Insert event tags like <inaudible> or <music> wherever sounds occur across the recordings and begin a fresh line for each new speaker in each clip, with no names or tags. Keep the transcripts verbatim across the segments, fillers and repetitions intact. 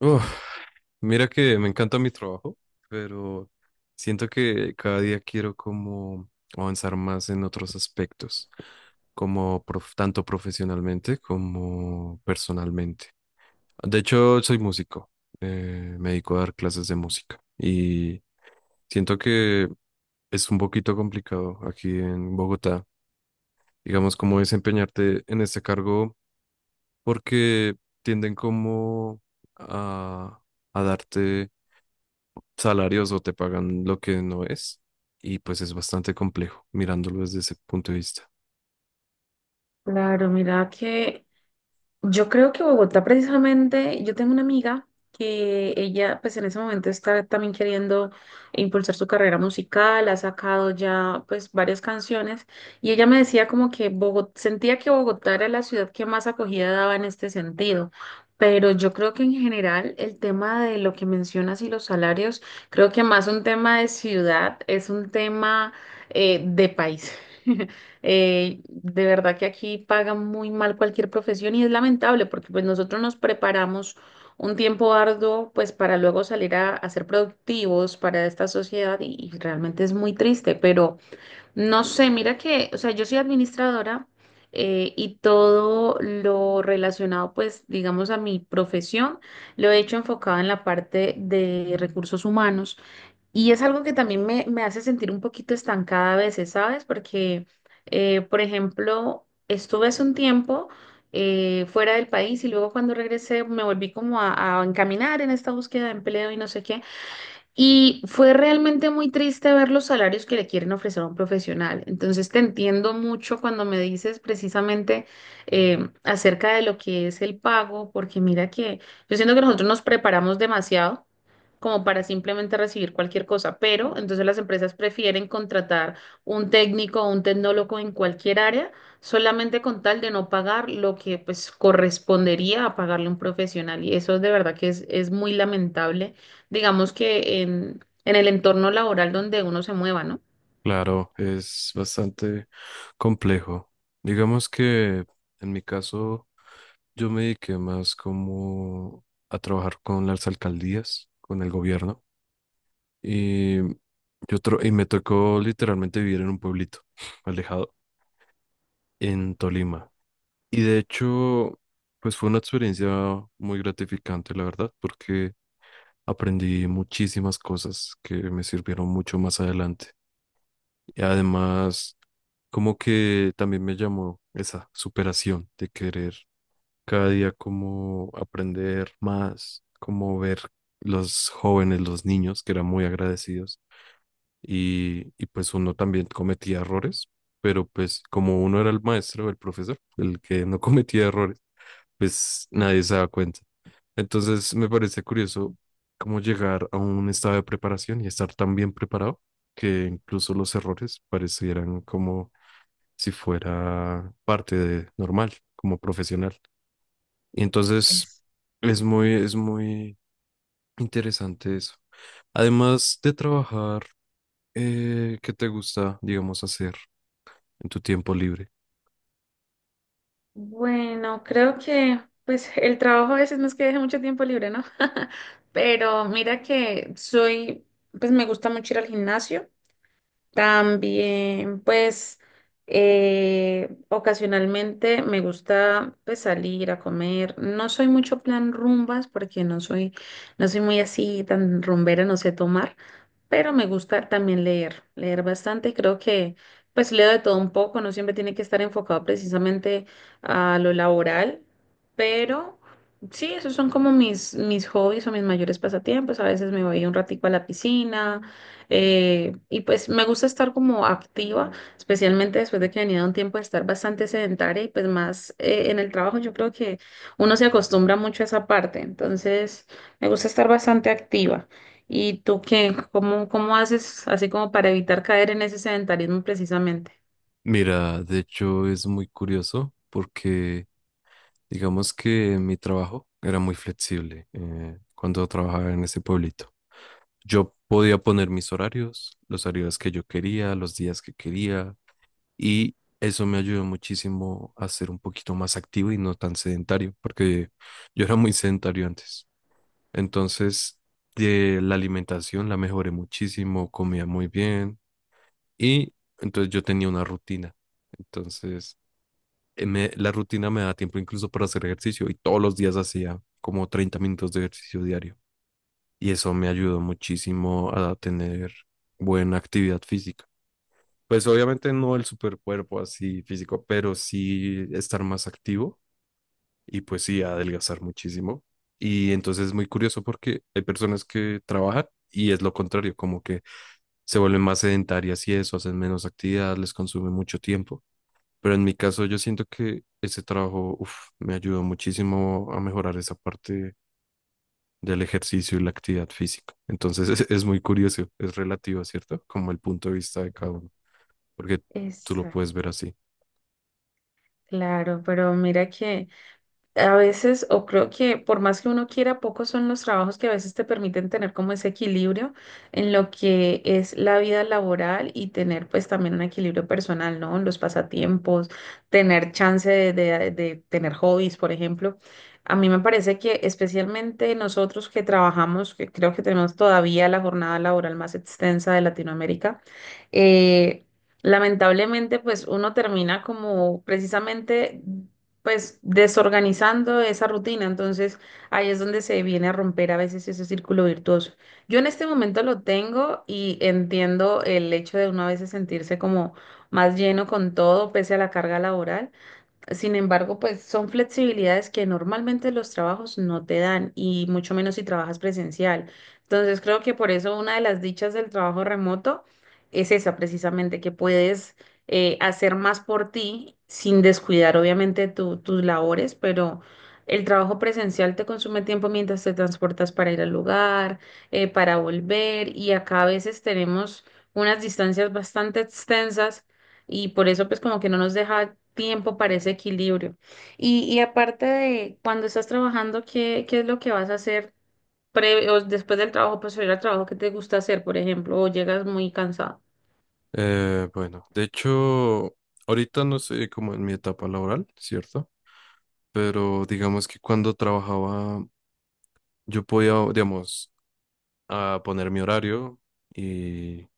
Uf, mira que me encanta mi trabajo, pero siento que cada día quiero como avanzar más en otros aspectos, como prof- tanto profesionalmente como personalmente. De hecho, soy músico, eh, me dedico a dar clases de música y siento que es un poquito complicado aquí en Bogotá, digamos, como desempeñarte en este cargo porque tienden como a, a darte salarios o te pagan lo que no es. Y pues es bastante complejo mirándolo desde ese punto de vista.
Claro, mira que yo creo que Bogotá precisamente, yo tengo una amiga que ella pues en ese momento está también queriendo impulsar su carrera musical, ha sacado ya pues varias canciones y ella me decía como que Bogot sentía que Bogotá era la ciudad que más acogida daba en este sentido, pero yo creo que en general el tema de lo que mencionas y los salarios, creo que más un tema de ciudad es un tema eh, de país. <laughs> Eh, de verdad que aquí pagan muy mal cualquier profesión y es lamentable porque pues nosotros nos preparamos un tiempo arduo pues para luego salir a, a ser productivos para esta sociedad y, y realmente es muy triste, pero no sé, mira que, o sea, yo soy administradora eh, y todo lo relacionado pues digamos a mi profesión lo he hecho enfocado en la parte de recursos humanos. Y es algo que también me, me hace sentir un poquito estancada a veces, ¿sabes? Porque, eh, por ejemplo, estuve hace un tiempo eh, fuera del país y luego cuando regresé me volví como a, a encaminar en esta búsqueda de empleo y no sé qué. Y fue realmente muy triste ver los salarios que le quieren ofrecer a un profesional. Entonces te entiendo mucho cuando me dices precisamente eh, acerca de lo que es el pago, porque mira que yo siento que nosotros nos preparamos demasiado como para simplemente recibir cualquier cosa, pero entonces las empresas prefieren contratar un técnico o un tecnólogo en cualquier área solamente con tal de no pagar lo que pues correspondería a pagarle un profesional y eso de verdad que es, es muy lamentable, digamos que en, en el entorno laboral donde uno se mueva, ¿no?
Claro, es bastante complejo. Digamos que en mi caso yo me dediqué más como a trabajar con las alcaldías, con el gobierno. Y, yo tro- y me tocó literalmente vivir en un pueblito <sniffs> <laughs> alejado en Tolima. Y de hecho, pues fue una experiencia muy gratificante, la verdad, porque aprendí muchísimas cosas que me sirvieron mucho más adelante. Y además, como que también me llamó esa superación de querer cada día como aprender más, como ver los jóvenes, los niños que eran muy agradecidos y, y pues uno también cometía errores, pero pues como uno era el maestro, el profesor, el que no <laughs> cometía errores, pues nadie se da cuenta. Entonces me parece curioso cómo llegar a un estado de preparación y estar tan bien preparado que incluso los errores parecieran como si fuera parte de normal, como profesional. Y entonces
Es,
es muy, es muy interesante eso. Además de trabajar, eh, ¿qué te gusta, digamos, hacer en tu tiempo libre?
Bueno, creo que pues el trabajo a veces no es que deje mucho tiempo libre, ¿no? <laughs> Pero mira que soy, pues me gusta mucho ir al gimnasio. También, pues, eh, ocasionalmente me gusta pues, salir a comer. No soy mucho plan rumbas porque no soy, no soy muy así tan rumbera, no sé tomar, pero me gusta también leer, leer bastante. Creo que pues leo de todo un poco, no siempre tiene que estar enfocado precisamente a lo laboral, pero sí, esos son como mis, mis hobbies o mis mayores pasatiempos. A veces me voy un ratico a la piscina eh, y pues me gusta estar como activa, especialmente después de que venía de un tiempo de estar bastante sedentaria y pues más eh, en el trabajo yo creo que uno se acostumbra mucho a esa parte, entonces me gusta estar bastante activa. ¿Y tú qué? ¿Cómo, cómo haces así como para evitar caer en ese sedentarismo precisamente?
Mira, de hecho es muy curioso porque digamos que mi trabajo era muy flexible eh, cuando trabajaba en ese pueblito. Yo podía poner mis horarios, los horarios que yo quería, los días que quería, y eso me ayudó muchísimo a ser un poquito más activo y no tan sedentario, porque yo era muy sedentario antes. Entonces, de la alimentación la mejoré muchísimo, comía muy bien, y entonces yo tenía una rutina. Entonces, eh, me- la rutina me da tiempo incluso para hacer ejercicio y todos los días hacía como treinta minutos de ejercicio diario y eso me ayudó muchísimo a tener buena actividad física. Pues obviamente no el super cuerpo así físico, pero sí estar más activo y pues sí adelgazar muchísimo. Y entonces es muy curioso porque hay personas que trabajan y es lo contrario, como que se vuelven más sedentarias y eso, hacen menos actividad, les consume mucho tiempo. Pero en mi caso yo siento que ese trabajo uf, me ayudó muchísimo a mejorar esa parte del ejercicio y la actividad física. Entonces <laughs> es, es muy curioso, es relativo, ¿cierto? Como el punto de vista de cada uno, porque tú lo puedes
Exacto,
ver así.
claro, pero mira que... A veces, o creo que por más que uno quiera, pocos son los trabajos que a veces te permiten tener como ese equilibrio en lo que es la vida laboral y tener pues también un equilibrio personal, ¿no? Los pasatiempos, tener chance de, de- de tener hobbies, por ejemplo. A mí me parece que especialmente nosotros que trabajamos, que creo que tenemos todavía la jornada laboral más extensa de Latinoamérica, eh, lamentablemente, pues uno termina como precisamente pues desorganizando esa rutina. Entonces ahí es donde se viene a romper a veces ese círculo virtuoso. Yo en este momento lo tengo y entiendo el hecho de uno a veces sentirse como más lleno con todo pese a la carga laboral. Sin embargo, pues son flexibilidades que normalmente los trabajos no te dan y mucho menos si trabajas presencial. Entonces, creo que por eso una de las dichas del trabajo remoto es esa precisamente, que puedes eh, hacer más por ti sin descuidar obviamente tu- tus labores, pero el trabajo presencial te consume tiempo mientras te transportas para ir al lugar, eh, para volver y acá a veces tenemos unas distancias bastante extensas y por eso pues como que no nos deja tiempo para ese equilibrio. Y, y aparte de cuando estás trabajando, ¿qué, qué es lo que vas a hacer pre- o después del trabajo, pues ir al trabajo que te gusta hacer, por ejemplo, o llegas muy cansado?
Eh, bueno, de hecho, ahorita no sé como en mi etapa laboral, ¿cierto? Pero digamos que cuando trabajaba yo podía, digamos, a poner mi horario. y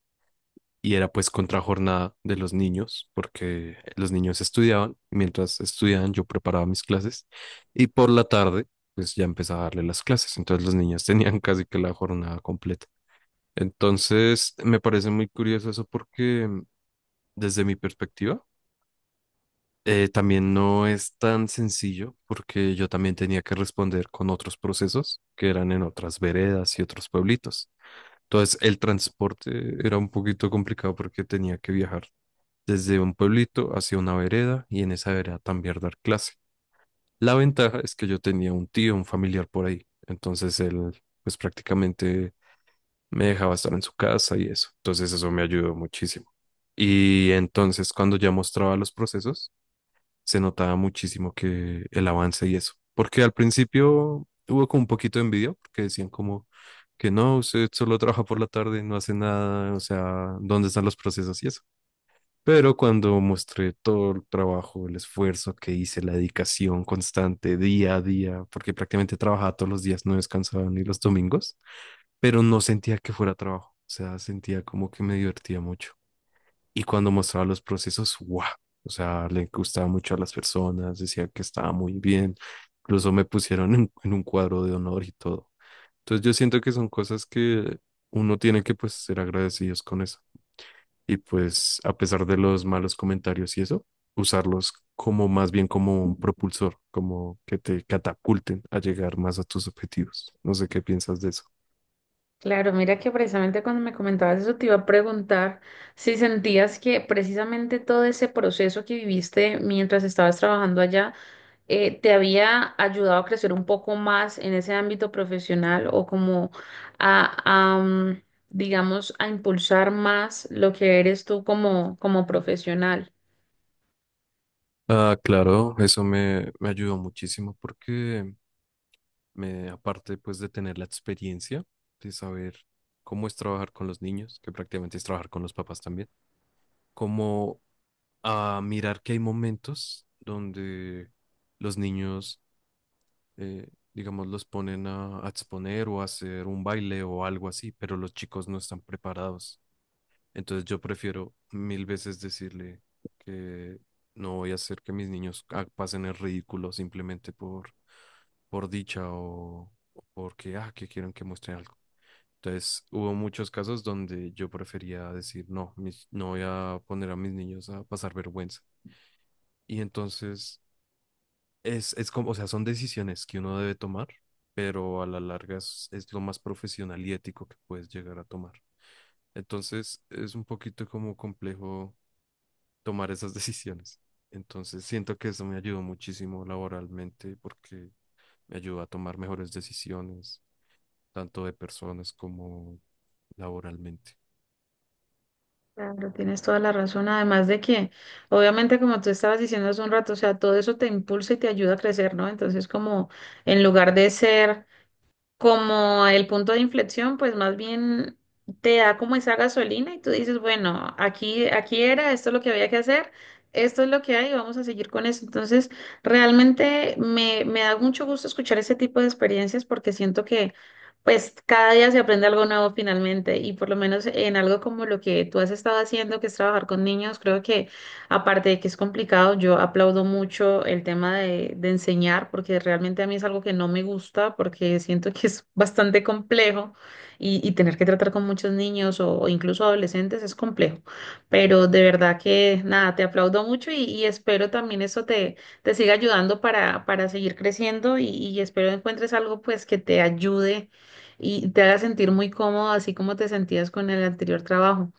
y era pues contrajornada de los niños, porque los niños estudiaban, mientras estudiaban yo preparaba mis clases y por la tarde pues ya empezaba a darle las clases, entonces los niños <laughs> tenían casi que la jornada completa. Entonces me parece muy curioso eso porque mm, desde mi perspectiva eh, también no es tan sencillo porque yo también tenía que responder con otros procesos que eran en otras veredas y otros pueblitos. Entonces el transporte era un poquito complicado porque tenía que viajar desde un pueblito hacia una vereda y en esa vereda también dar clase. La ventaja es que yo tenía un tío, un familiar por ahí, entonces él pues prácticamente me dejaba estar en su casa y eso, entonces eso me ayudó muchísimo. Y entonces cuando ya mostraba los procesos, se notaba muchísimo que el avance y eso, porque al principio hubo como un poquito de envidia, porque decían como que no, usted solo trabaja por la tarde, no hace nada, o sea, ¿dónde están los procesos y eso? Pero cuando mostré todo el trabajo, el esfuerzo que hice, la dedicación constante día a día, porque prácticamente trabajaba todos los días, no descansaba ni los domingos, pero no sentía que fuera trabajo, o sea, sentía como que me divertía mucho. Y cuando mostraba los procesos, ¡guau! O sea, le gustaba mucho a las personas, decía que estaba muy bien, incluso me pusieron en, en un cuadro de honor y todo. Entonces yo siento que son cosas que uno tiene que pues ser agradecidos con eso y pues a pesar de los malos comentarios y eso, usarlos como más bien como un propulsor, como que te catapulten a llegar más a tus objetivos. No sé qué piensas de eso.
Claro, mira que precisamente cuando me comentabas eso te iba a preguntar si sentías que precisamente todo ese proceso que viviste mientras estabas trabajando allá eh, te había ayudado a crecer un poco más en ese ámbito profesional o como a, a, mm, digamos, a impulsar más lo que eres tú como, como profesional.
Ah, claro, eso me, me ayudó muchísimo porque me, aparte pues de tener la experiencia de saber cómo es trabajar con los niños, que prácticamente es trabajar con los papás también, como a mirar que hay momentos donde los niños eh, digamos, los ponen a, a exponer o a hacer un baile o algo así, pero los chicos no están preparados. Entonces yo prefiero mil veces decirle que no voy a hacer que mis niños ah, pasen el ridículo simplemente por, por dicha o, o porque, ah, que quieren que muestre algo. Entonces hubo muchos casos donde yo prefería decir, no, mis- no voy a poner a mis niños a pasar vergüenza. Y entonces es, es como, o sea, son decisiones que uno debe tomar, pero a la larga es, es lo más profesional y ético que puedes llegar a tomar. Entonces, es un poquito como complejo tomar esas <laughs> decisiones. Entonces, siento que eso me ayudó muchísimo laboralmente porque me ayudó a tomar mejores decisiones, tanto de personas como laboralmente.
Claro, tienes toda la razón. Además de que, obviamente, como tú estabas diciendo hace un rato, o sea, todo eso te impulsa y te ayuda a crecer, ¿no? Entonces, como en lugar de ser como el punto de inflexión, pues más bien te da como esa gasolina y tú dices, bueno, aquí, aquí era, esto es lo que había que hacer, esto es lo que hay, vamos a seguir con eso. Entonces, realmente me, me da mucho gusto escuchar ese tipo de experiencias porque siento que pues cada día se aprende algo nuevo finalmente y por lo menos en algo como lo que tú has estado haciendo, que es trabajar con niños, creo que aparte de que es complicado, yo aplaudo mucho el tema de, de enseñar, porque realmente a mí es algo que no me gusta, porque siento que es bastante complejo y, y tener que tratar con muchos niños o, o incluso adolescentes es complejo. Pero de verdad que nada, te aplaudo mucho y, y espero también eso te, te siga ayudando para, para seguir creciendo y, y espero encuentres algo pues que te ayude y te haga sentir muy cómodo, así como te sentías con el anterior trabajo.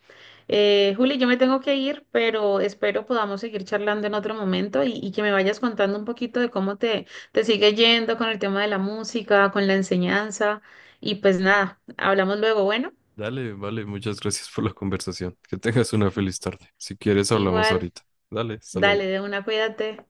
Eh, Juli, yo me tengo que ir, pero espero podamos seguir charlando en otro momento y, y que me vayas contando un poquito de cómo te, te sigue yendo con el tema de la música, con la enseñanza. Y pues nada, hablamos luego. Bueno,
Dale, vale, muchas gracias por la conversación. Que tengas una feliz tarde. Si quieres, hablamos
igual,
ahorita. Dale, hasta
dale
luego.
de una, cuídate.